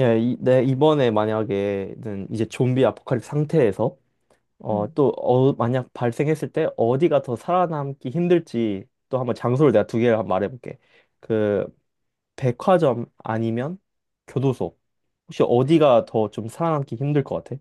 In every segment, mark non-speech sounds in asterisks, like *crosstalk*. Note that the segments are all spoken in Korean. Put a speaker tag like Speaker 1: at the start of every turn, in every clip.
Speaker 1: 예, 이, 내 이번에 만약에는 이제 좀비 아포칼립스 상태에서
Speaker 2: 음.
Speaker 1: 만약 발생했을 때 어디가 더 살아남기 힘들지 또 한번 장소를 내가 두 개를 한번 말해볼게. 그 백화점 아니면 교도소. 혹시
Speaker 2: 백,
Speaker 1: 어디가 더 좀 살아남기 힘들 것 같아?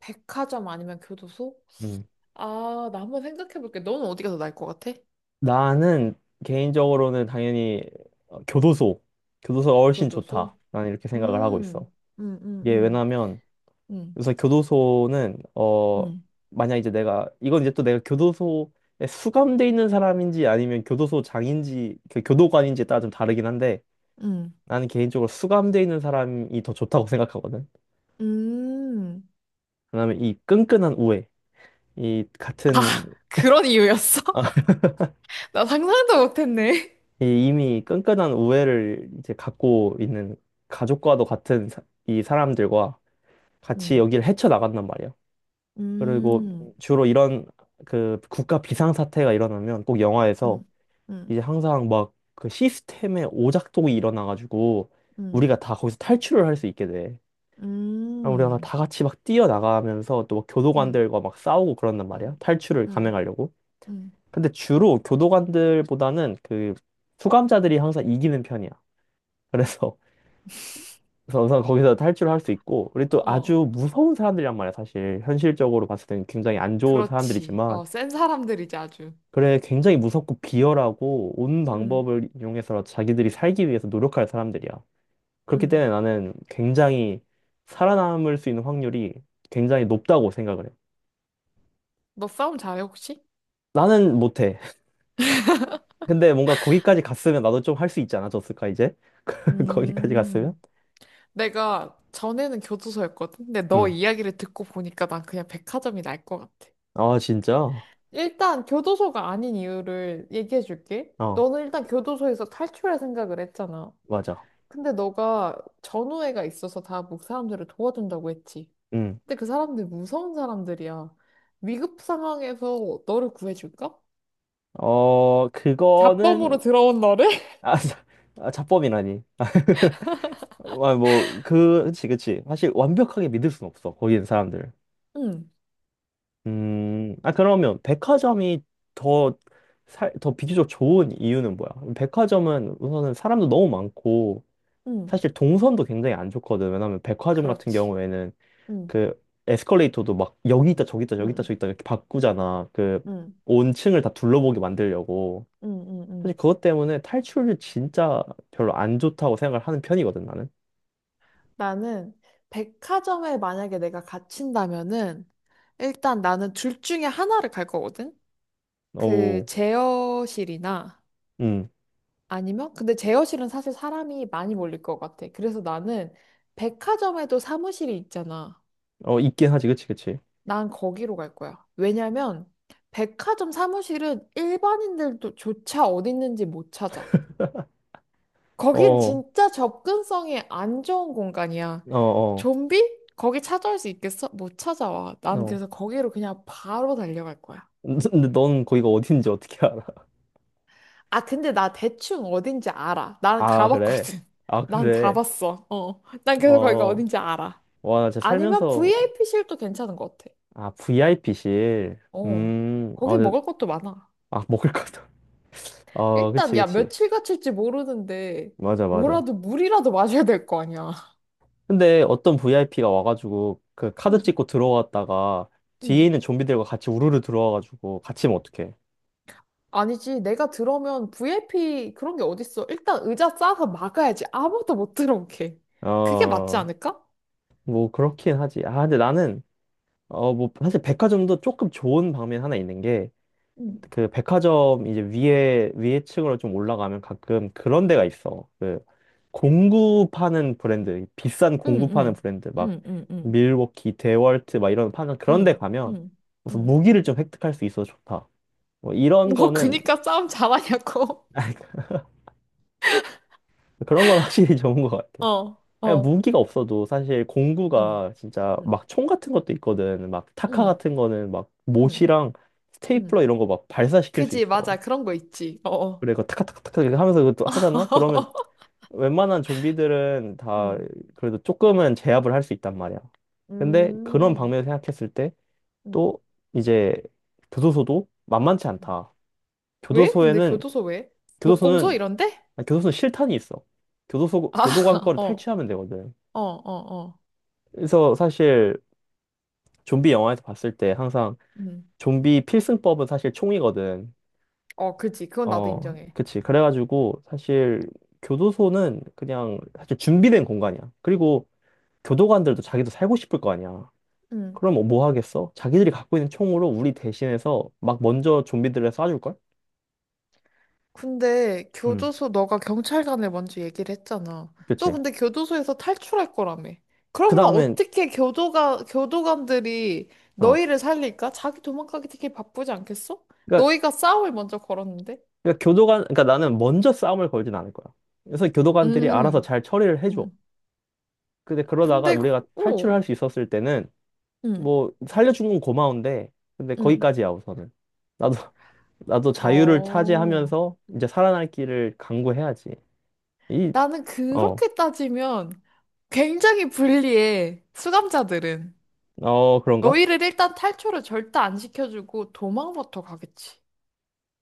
Speaker 2: 백화점 아니면 교도소?
Speaker 1: 음.
Speaker 2: 아, 나 한번 생각해 볼게. 너는 어디가 더 나을 것 같아?
Speaker 1: 나는 개인적으로는 당연히 교도소. 교도소가 훨씬
Speaker 2: 교도소?
Speaker 1: 좋다. 난 이렇게
Speaker 2: 음,
Speaker 1: 생각을 하고 있어.
Speaker 2: 음, 음,
Speaker 1: 이게
Speaker 2: 음,
Speaker 1: 왜냐면
Speaker 2: 음,
Speaker 1: 그래서 교도소는
Speaker 2: 음,
Speaker 1: 만약 이제 내가 이건 이제 또 내가 교도소에 수감돼 있는 사람인지 아니면 교도소장인지 그 교도관인지에 따라 좀 다르긴 한데
Speaker 2: 음.
Speaker 1: 나는 개인적으로 수감돼 있는 사람이 더 좋다고 생각하거든.
Speaker 2: 음.
Speaker 1: 그다음에 이 끈끈한 우애, 이
Speaker 2: 아,
Speaker 1: 같은
Speaker 2: 그런 이유였어?
Speaker 1: *laughs*
Speaker 2: *laughs* 나 상상도 못했네.
Speaker 1: 이 이미 끈끈한 우애를 이제 갖고 있는 가족과도 같은 이 사람들과 같이
Speaker 2: 음,
Speaker 1: 여기를 헤쳐나간단 말이야. 그리고
Speaker 2: 음,
Speaker 1: 주로 이런 그 국가 비상사태가 일어나면 꼭
Speaker 2: 음,
Speaker 1: 영화에서
Speaker 2: 음,
Speaker 1: 이제 항상 막 그 시스템의 오작동이 일어나가지고
Speaker 2: 음,
Speaker 1: 우리가 다 거기서 탈출을 할 수 있게 돼. 그럼 우리가
Speaker 2: 음,
Speaker 1: 다 같이 막 뛰어나가면서 또막
Speaker 2: 음,
Speaker 1: 교도관들과 막 싸우고 그런단 말이야.
Speaker 2: 음,
Speaker 1: 탈출을
Speaker 2: 음,
Speaker 1: 감행하려고.
Speaker 2: 음.
Speaker 1: 근데 주로 교도관들보다는 그 수감자들이 항상 이기는 편이야. 그래서 *laughs* 그래서 우선 거기서 탈출을 할 수 있고 우리 또
Speaker 2: 어,
Speaker 1: 아주 무서운 사람들이란 말이야. 사실 현실적으로 봤을 때는 굉장히 안 좋은
Speaker 2: 그렇지.
Speaker 1: 사람들이지만
Speaker 2: 어, 센 사람들이지, 아주.
Speaker 1: 그래, 굉장히 무섭고 비열하고 온
Speaker 2: 음,
Speaker 1: 방법을 이용해서 자기들이 살기 위해서 노력할 사람들이야. 그렇기
Speaker 2: 음.
Speaker 1: 때문에 나는 굉장히 살아남을 수 있는 확률이 굉장히 높다고 생각을 해.
Speaker 2: 너 싸움 잘해, 혹시?
Speaker 1: 나는 못해. *laughs* 근데 뭔가 거기까지 갔으면 나도 좀 할 수 있지 않아졌을까, 이제? *laughs* 거기까지 갔으면?
Speaker 2: 음. 내가 전에는 교도소였거든. 근데 너
Speaker 1: 응.
Speaker 2: 이야기를 듣고 보니까 난 그냥 백화점이 날 것 같아.
Speaker 1: 아, 진짜?
Speaker 2: 일단 교도소가 아닌 이유를 얘기해 줄게.
Speaker 1: 어,
Speaker 2: 너는 일단 교도소에서 탈출할 생각을 했잖아.
Speaker 1: 맞아.
Speaker 2: 근데 너가 전우애가 있어서 다 목 사람들을 도와준다고 했지.
Speaker 1: 응.
Speaker 2: 근데 그 사람들 무서운 사람들이야. 위급 상황에서 너를 구해줄까?
Speaker 1: 어, 그거는,
Speaker 2: 자범으로 들어온 너를? *laughs*
Speaker 1: 아, 자- 아, 자법이라니. *laughs* 아, 뭐, 그, 그치, 그치. 사실 완벽하게 믿을 순 없어, 거기는 사람들.
Speaker 2: 응,
Speaker 1: 아, 그러면 백화점이 더, 살, 더 비교적 좋은 이유는 뭐야? 백화점은 우선은 사람도 너무 많고,
Speaker 2: 응,
Speaker 1: 사실 동선도 굉장히 안 좋거든. 왜냐면 백화점 같은
Speaker 2: 그렇지.
Speaker 1: 경우에는
Speaker 2: 응,
Speaker 1: 그 에스컬레이터도 막 여기 있다, 저기 있다, 여기 있다,
Speaker 2: 응,
Speaker 1: 저기 있다 이렇게 바꾸잖아. 그
Speaker 2: 응,
Speaker 1: 온 층을 다 둘러보게 만들려고. 사실
Speaker 2: 응.
Speaker 1: 그것 때문에 탈출이 진짜 별로 안 좋다고 생각을 하는 편이거든, 나는.
Speaker 2: 나는 백화점에 만약에 내가 갇힌다면은 일단 나는 둘 중에 하나를 갈 거거든? 그
Speaker 1: 어,
Speaker 2: 제어실이나
Speaker 1: 음,
Speaker 2: 아니면 근데 제어실은 사실 사람이 많이 몰릴 것 같아. 그래서 나는 백화점에도 사무실이 있잖아.
Speaker 1: 어, 있긴 하지, 그치, 그치.
Speaker 2: 난 거기로 갈 거야. 왜냐면 백화점 사무실은 일반인들도 조차 어디 있는지 못 찾아.
Speaker 1: 어,
Speaker 2: 거긴
Speaker 1: 어,
Speaker 2: 진짜 접근성이 안 좋은 공간이야.
Speaker 1: 어,
Speaker 2: 좀비? 거기 찾아올 수 있겠어? 못 찾아와. 난
Speaker 1: 어.
Speaker 2: 그래서 거기로 그냥 바로 달려갈 거야.
Speaker 1: 근데 넌 거기가 어딘지 어떻게 알아?
Speaker 2: 아, 근데 나 대충 어딘지 알아. 난
Speaker 1: 아, 그래?
Speaker 2: 가봤거든. *laughs*
Speaker 1: 아,
Speaker 2: 난
Speaker 1: 그래.
Speaker 2: 가봤어. 어. 난 그래서 거기가
Speaker 1: 어,
Speaker 2: 어딘지 알아.
Speaker 1: 와, 나 진짜
Speaker 2: 아니면
Speaker 1: 살면서,
Speaker 2: VIP실도 괜찮은 것 같아.
Speaker 1: 아, VIP실.
Speaker 2: 어. 거기
Speaker 1: 아, 근데-
Speaker 2: 먹을 것도 많아.
Speaker 1: 아, 먹을 것도. 아,
Speaker 2: 일단,
Speaker 1: 그치,
Speaker 2: 야,
Speaker 1: 그치.
Speaker 2: 며칠 갇힐지 모르는데,
Speaker 1: 맞아, 맞아.
Speaker 2: 뭐라도 물이라도 마셔야 될 거 아니야. *laughs*
Speaker 1: 근데 어떤 VIP가 와가지고, 그 카드
Speaker 2: 응,
Speaker 1: 찍고 들어왔다가, 뒤에
Speaker 2: 응.
Speaker 1: 있는 좀비들과 같이 우르르 들어와가지고, 같이면 어떡해.
Speaker 2: 아니지, 내가 들어오면 VIP 그런 게 어딨어. 일단 의자 싸서 막아야지. 아무도 못 들어오게. 그게 맞지
Speaker 1: 어,
Speaker 2: 않을까?
Speaker 1: 뭐, 그렇긴 하지. 아, 근데 나는, 어, 뭐, 사실 백화점도 조금 좋은 방면 하나 있는 게,
Speaker 2: 응.
Speaker 1: 그 백화점 이제 위에 층으로 좀 올라가면 가끔 그런 데가 있어. 그 공구 파는 브랜드, 비싼
Speaker 2: 응,
Speaker 1: 공구 파는
Speaker 2: 응,
Speaker 1: 브랜드 막
Speaker 2: 응, 응, 응,
Speaker 1: 밀워키, 데월트 막 이런 파는 그런 데
Speaker 2: 응,
Speaker 1: 가면
Speaker 2: 응,
Speaker 1: 무슨
Speaker 2: 응.
Speaker 1: 무기를 좀 획득할 수 있어서 좋다. 뭐 이런
Speaker 2: 너
Speaker 1: 거는
Speaker 2: 그니까 싸움 잘하냐고.
Speaker 1: *laughs* 그런 건 확실히 좋은 것 같아.
Speaker 2: *laughs* 어,
Speaker 1: 아니,
Speaker 2: 어,
Speaker 1: 무기가 없어도 사실
Speaker 2: 응,
Speaker 1: 공구가 진짜
Speaker 2: 응,
Speaker 1: 막 총 같은 것도 있거든. 막 타카
Speaker 2: 응,
Speaker 1: 같은 거는 막
Speaker 2: 응,
Speaker 1: 못이랑 스테이플러
Speaker 2: 응.
Speaker 1: 이런 거 막 발사시킬 수
Speaker 2: 그지,
Speaker 1: 있어.
Speaker 2: 맞아. 그런 거 있지. 어, 어.
Speaker 1: 그래, 그 타카타카타카 이렇게 하면서 그것도 하잖아? 그러면
Speaker 2: *laughs*
Speaker 1: 웬만한 좀비들은 다
Speaker 2: 응,
Speaker 1: 그래도 조금은 제압을 할 수 있단 말이야. 근데 그런
Speaker 2: 음,
Speaker 1: 방면을 생각했을 때
Speaker 2: 응.
Speaker 1: 또 이제 교도소도 만만치 않다.
Speaker 2: 왜? 근데
Speaker 1: 교도소에는
Speaker 2: 교도소 왜? 목공소
Speaker 1: 교도소는
Speaker 2: 이런데?
Speaker 1: 아니, 교도소는 실탄이 있어. 교도소
Speaker 2: 아,
Speaker 1: 교도관
Speaker 2: *laughs*
Speaker 1: 거를
Speaker 2: 어,
Speaker 1: 탈취하면 되거든.
Speaker 2: 어, 어, 어.
Speaker 1: 그래서 사실 좀비 영화에서 봤을 때 항상
Speaker 2: 응.
Speaker 1: 좀비 필승법은 사실 총이거든.
Speaker 2: 어, 그지. 그건 나도
Speaker 1: 어,
Speaker 2: 인정해.
Speaker 1: 그치. 그래가지고 사실 교도소는 그냥 사실 준비된 공간이야. 그리고 교도관들도 자기도 살고 싶을 거 아니야.
Speaker 2: 응.
Speaker 1: 그럼 뭐뭐 하겠어? 자기들이 갖고 있는 총으로 우리 대신해서 막 먼저 좀비들을 쏴줄걸?
Speaker 2: 근데
Speaker 1: 음,
Speaker 2: 교도소 너가 경찰관을 먼저 얘기를 했잖아. 또
Speaker 1: 그치.
Speaker 2: 근데 교도소에서 탈출할 거라며.
Speaker 1: 그
Speaker 2: 그러면
Speaker 1: 다음엔,
Speaker 2: 교도관들이
Speaker 1: 어.
Speaker 2: 너희를 살릴까? 자기 도망가기 되게 바쁘지 않겠어?
Speaker 1: 그러니까,
Speaker 2: 너희가 싸움을 먼저 걸었는데?
Speaker 1: 그러니까 나는 먼저 싸움을 걸진 않을 거야. 그래서 교도관들이 알아서
Speaker 2: 음,
Speaker 1: 잘 처리를 해줘.
Speaker 2: 응.
Speaker 1: 근데 그러다가
Speaker 2: 근데,
Speaker 1: 우리가
Speaker 2: 그-
Speaker 1: 탈출을
Speaker 2: 오,
Speaker 1: 할 수 있었을 때는,
Speaker 2: 응,
Speaker 1: 뭐, 살려준 건 고마운데, 근데
Speaker 2: 응.
Speaker 1: 거기까지야, 우선은. 나도, *laughs* 나도 자유를
Speaker 2: 어.
Speaker 1: 차지하면서 이제 살아날 길을 강구해야지. 이,
Speaker 2: 나는
Speaker 1: 어,
Speaker 2: 그렇게 따지면 굉장히 불리해. 수감자들은.
Speaker 1: 어, 그런가?
Speaker 2: 너희를 일단 탈출을 절대 안 시켜주고 도망부터 가겠지.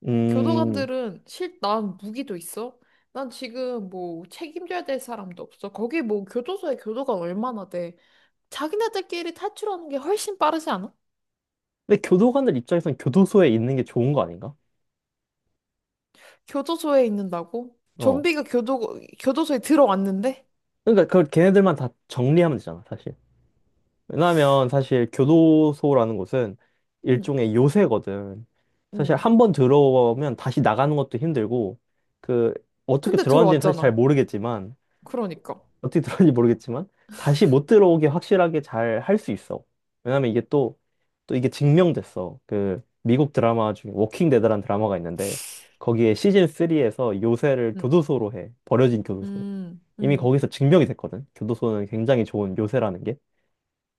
Speaker 1: 음,
Speaker 2: 난 무기도 있어. 난 지금 뭐 책임져야 될 사람도 없어. 거기 뭐 교도소에 교도관 얼마나 돼. 자기네들끼리 탈출하는 게 훨씬 빠르지 않아?
Speaker 1: 근데 교도관들 입장에선 교도소에 있는 게 좋은 거 아닌가?
Speaker 2: 교도소에 있는다고?
Speaker 1: 어.
Speaker 2: 교도소에 들어왔는데?
Speaker 1: 그러니까 그걸 걔네들만 다 정리하면 되잖아, 사실. 왜냐하면 사실 교도소라는 곳은
Speaker 2: 응,
Speaker 1: 일종의 요새거든. 사실
Speaker 2: 응.
Speaker 1: 한 번 들어오면 다시 나가는 것도 힘들고 그 어떻게
Speaker 2: 근데
Speaker 1: 들어왔는지는 사실 잘
Speaker 2: 들어왔잖아.
Speaker 1: 모르겠지만
Speaker 2: 그러니까.
Speaker 1: 어떻게 들어왔는지 모르겠지만 다시 못 들어오게 확실하게 잘 할 수 있어. 왜냐면 이게 또 이게 증명됐어. 그 미국 드라마 중에 워킹 데드라는 드라마가 있는데 거기에 시즌 3에서 요새를
Speaker 2: 응,
Speaker 1: 교도소로 해. 버려진 교도소.
Speaker 2: 응,
Speaker 1: 이미
Speaker 2: 응,
Speaker 1: 거기서 증명이 됐거든. 교도소는 굉장히 좋은 요새라는 게.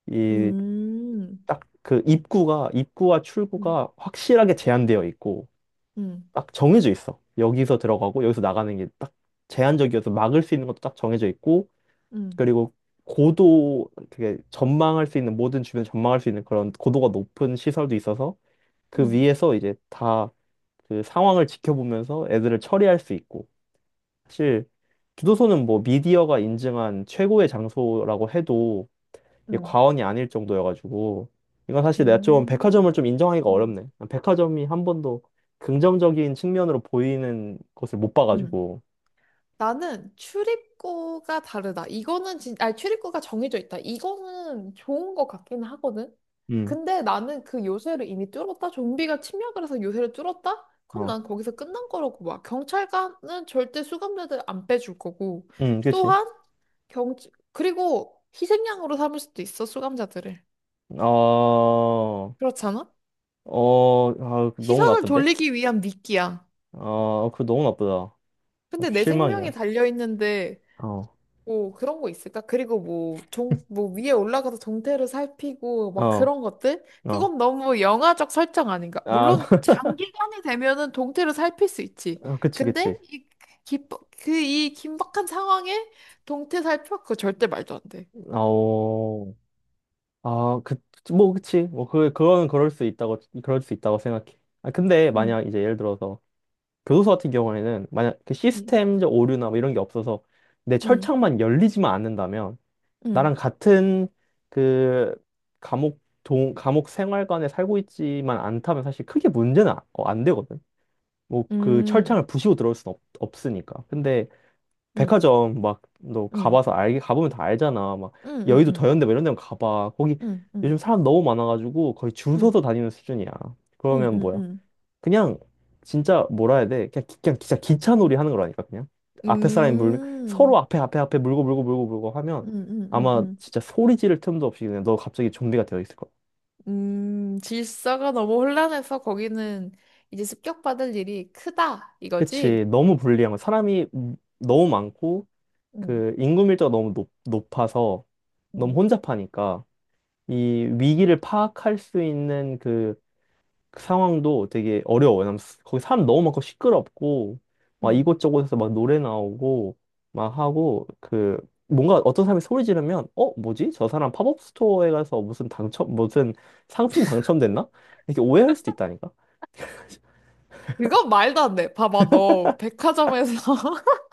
Speaker 1: 이,
Speaker 2: 응,
Speaker 1: 딱 그 입구가, 입구와
Speaker 2: 응,
Speaker 1: 출구가 확실하게
Speaker 2: 응,
Speaker 1: 제한되어 있고,
Speaker 2: 응,
Speaker 1: 딱 정해져 있어. 여기서 들어가고, 여기서 나가는 게 딱 제한적이어서 막을 수 있는 것도 딱 정해져 있고,
Speaker 2: 응,
Speaker 1: 그리고 고도, 그게 전망할 수 있는, 모든 주변 전망할 수 있는 그런 고도가 높은 시설도 있어서, 그
Speaker 2: 응.
Speaker 1: 위에서 이제 다 그 상황을 지켜보면서 애들을 처리할 수 있고, 사실, 교도소는 뭐 미디어가 인증한 최고의 장소라고 해도 이게
Speaker 2: 응.
Speaker 1: 과언이 아닐 정도여가지고 이건 사실 내가 좀 백화점을 좀
Speaker 2: 음.
Speaker 1: 인정하기가 어렵네. 백화점이 한 번도 긍정적인 측면으로 보이는 것을 못
Speaker 2: 음.
Speaker 1: 봐가지고.
Speaker 2: 나는 출입구가 다르다. 이거는 진, 아니, 출입구가 정해져 있다. 이거는 좋은 것 같기는 하거든.
Speaker 1: 음,
Speaker 2: 근데 나는 그 요새를 이미 뚫었다. 좀비가 침략을 해서 요새를 뚫었다? 그럼
Speaker 1: 어,
Speaker 2: 난 거기서 끝난 거라고 봐. 경찰관은 절대 수감자들 안 빼줄 거고.
Speaker 1: 그치.
Speaker 2: 또한 경, 그리고 희생양으로 삼을 수도 있어, 수감자들을.
Speaker 1: 어,
Speaker 2: 그렇잖아?
Speaker 1: 어, 아, 그 너무
Speaker 2: 시선을
Speaker 1: 나쁜데?
Speaker 2: 돌리기 위한 미끼야.
Speaker 1: 어, 그거 너무 나쁘다.
Speaker 2: 근데
Speaker 1: 아주
Speaker 2: 내 생명이
Speaker 1: 실망이야.
Speaker 2: 달려있는데
Speaker 1: 어,
Speaker 2: 뭐 그런 거 있을까? 그리고 뭐종뭐 위에 올라가서 동태를 살피고 막
Speaker 1: 어,
Speaker 2: 그런 것들?
Speaker 1: 어.
Speaker 2: 그건 너무 영화적 설정 아닌가?
Speaker 1: 아,
Speaker 2: 물론
Speaker 1: *laughs*
Speaker 2: 장기간이 되면은 동태를 살필 수 있지.
Speaker 1: 어, 그치, 그치.
Speaker 2: 근데 이 긴박한 상황에 동태 살펴 그 절대 말도 안 돼.
Speaker 1: 아오. 아, 그, 뭐, 그치. 그거는 그럴 수 있다고 생각해. 아, 근데 만약 이제 예를 들어서 교도소 같은 경우에는 만약 그 시스템적 오류나 뭐 이런 게 없어서 내 철창만 열리지만 않는다면 나랑 같은 그 감옥 생활관에 살고 있지만 않다면 사실 크게 문제는 안 되거든. 뭐 그 철창을 부시고 들어올 없으니까. 근데 백화점 막 너 가봐서 알게 가보면 다 알잖아. 막 여의도 더현대 뭐 이런 데만 가봐. 거기
Speaker 2: 응응응응응응응응응응응응응응응응응응
Speaker 1: 요즘 사람 너무 많아가지고 거의 줄 서서 다니는 수준이야. 그러면 뭐야? 그냥 진짜 뭐라 해야 돼? 그냥, 그냥 진짜 기차놀이 하는 거라니까 그냥 앞에 사람이 물면 서로 앞에 물고 하면 아마 진짜 소리 지를 틈도 없이 그냥 너 갑자기 좀비가 되어 있을 거야.
Speaker 2: 질서가 너무 혼란해서 거기는 이제 습격받을 일이 크다,
Speaker 1: 그치
Speaker 2: 이거지?
Speaker 1: 너무 불리한 거 사람이 너무 많고
Speaker 2: 응,
Speaker 1: 그 인구 밀도가 너무 높아서 너무
Speaker 2: 응,
Speaker 1: 혼잡하니까 이 위기를 파악할 수 있는 그 상황도 되게 어려워요. 왜냐면 거기 사람 너무 많고 시끄럽고 막
Speaker 2: 응.
Speaker 1: 이곳저곳에서 막 노래 나오고 막 하고 그 뭔가 어떤 사람이 소리 지르면 어 뭐지? 저 사람 팝업 스토어에 가서 무슨 당첨 무슨 상품 당첨됐나? 이렇게 오해할 수도 있다니까.
Speaker 2: 이건 말도 안 돼. 봐봐, 너 백화점에서 *laughs*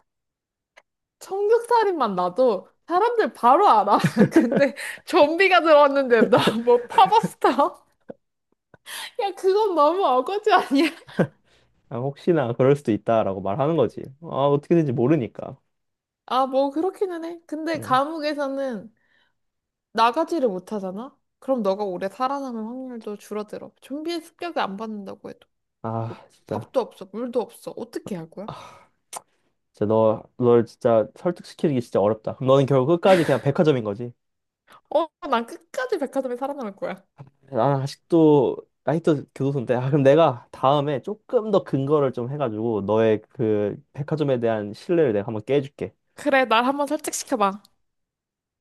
Speaker 2: 청국살인만 놔도 사람들 바로 알아. *laughs* 근데 좀비가 들어왔는데 나 뭐 파버스타? *laughs* 야, 그건 너무 어거지 아니야?
Speaker 1: 아, 혹시나 그럴 수도 있다라고 말하는 거지. 아, 어떻게 되는지 모르니까.
Speaker 2: 아, 뭐 그렇기는 해. 근데
Speaker 1: 응.
Speaker 2: 감옥에서는 나가지를 못하잖아? 그럼 너가 오래 살아남을 확률도 줄어들어. 좀비의 습격을 안 받는다고 해도. 뭐
Speaker 1: 아 진짜.
Speaker 2: 밥도 없어, 물도 없어. 어떻게 할 거야?
Speaker 1: 아, 진짜 너, 널 진짜 설득시키기 진짜 어렵다. 그럼 너는 결국 끝까지 그냥 백화점인 거지.
Speaker 2: 어, 난 끝까지 백화점에 살아남을 거야.
Speaker 1: 나는 아직도 나이트 교도소인데 아, 그럼 내가 다음에 조금 더 근거를 좀 해가지고 너의 그 백화점에 대한 신뢰를 내가 한번 깨줄게.
Speaker 2: 그래, 날 한번 설득시켜봐.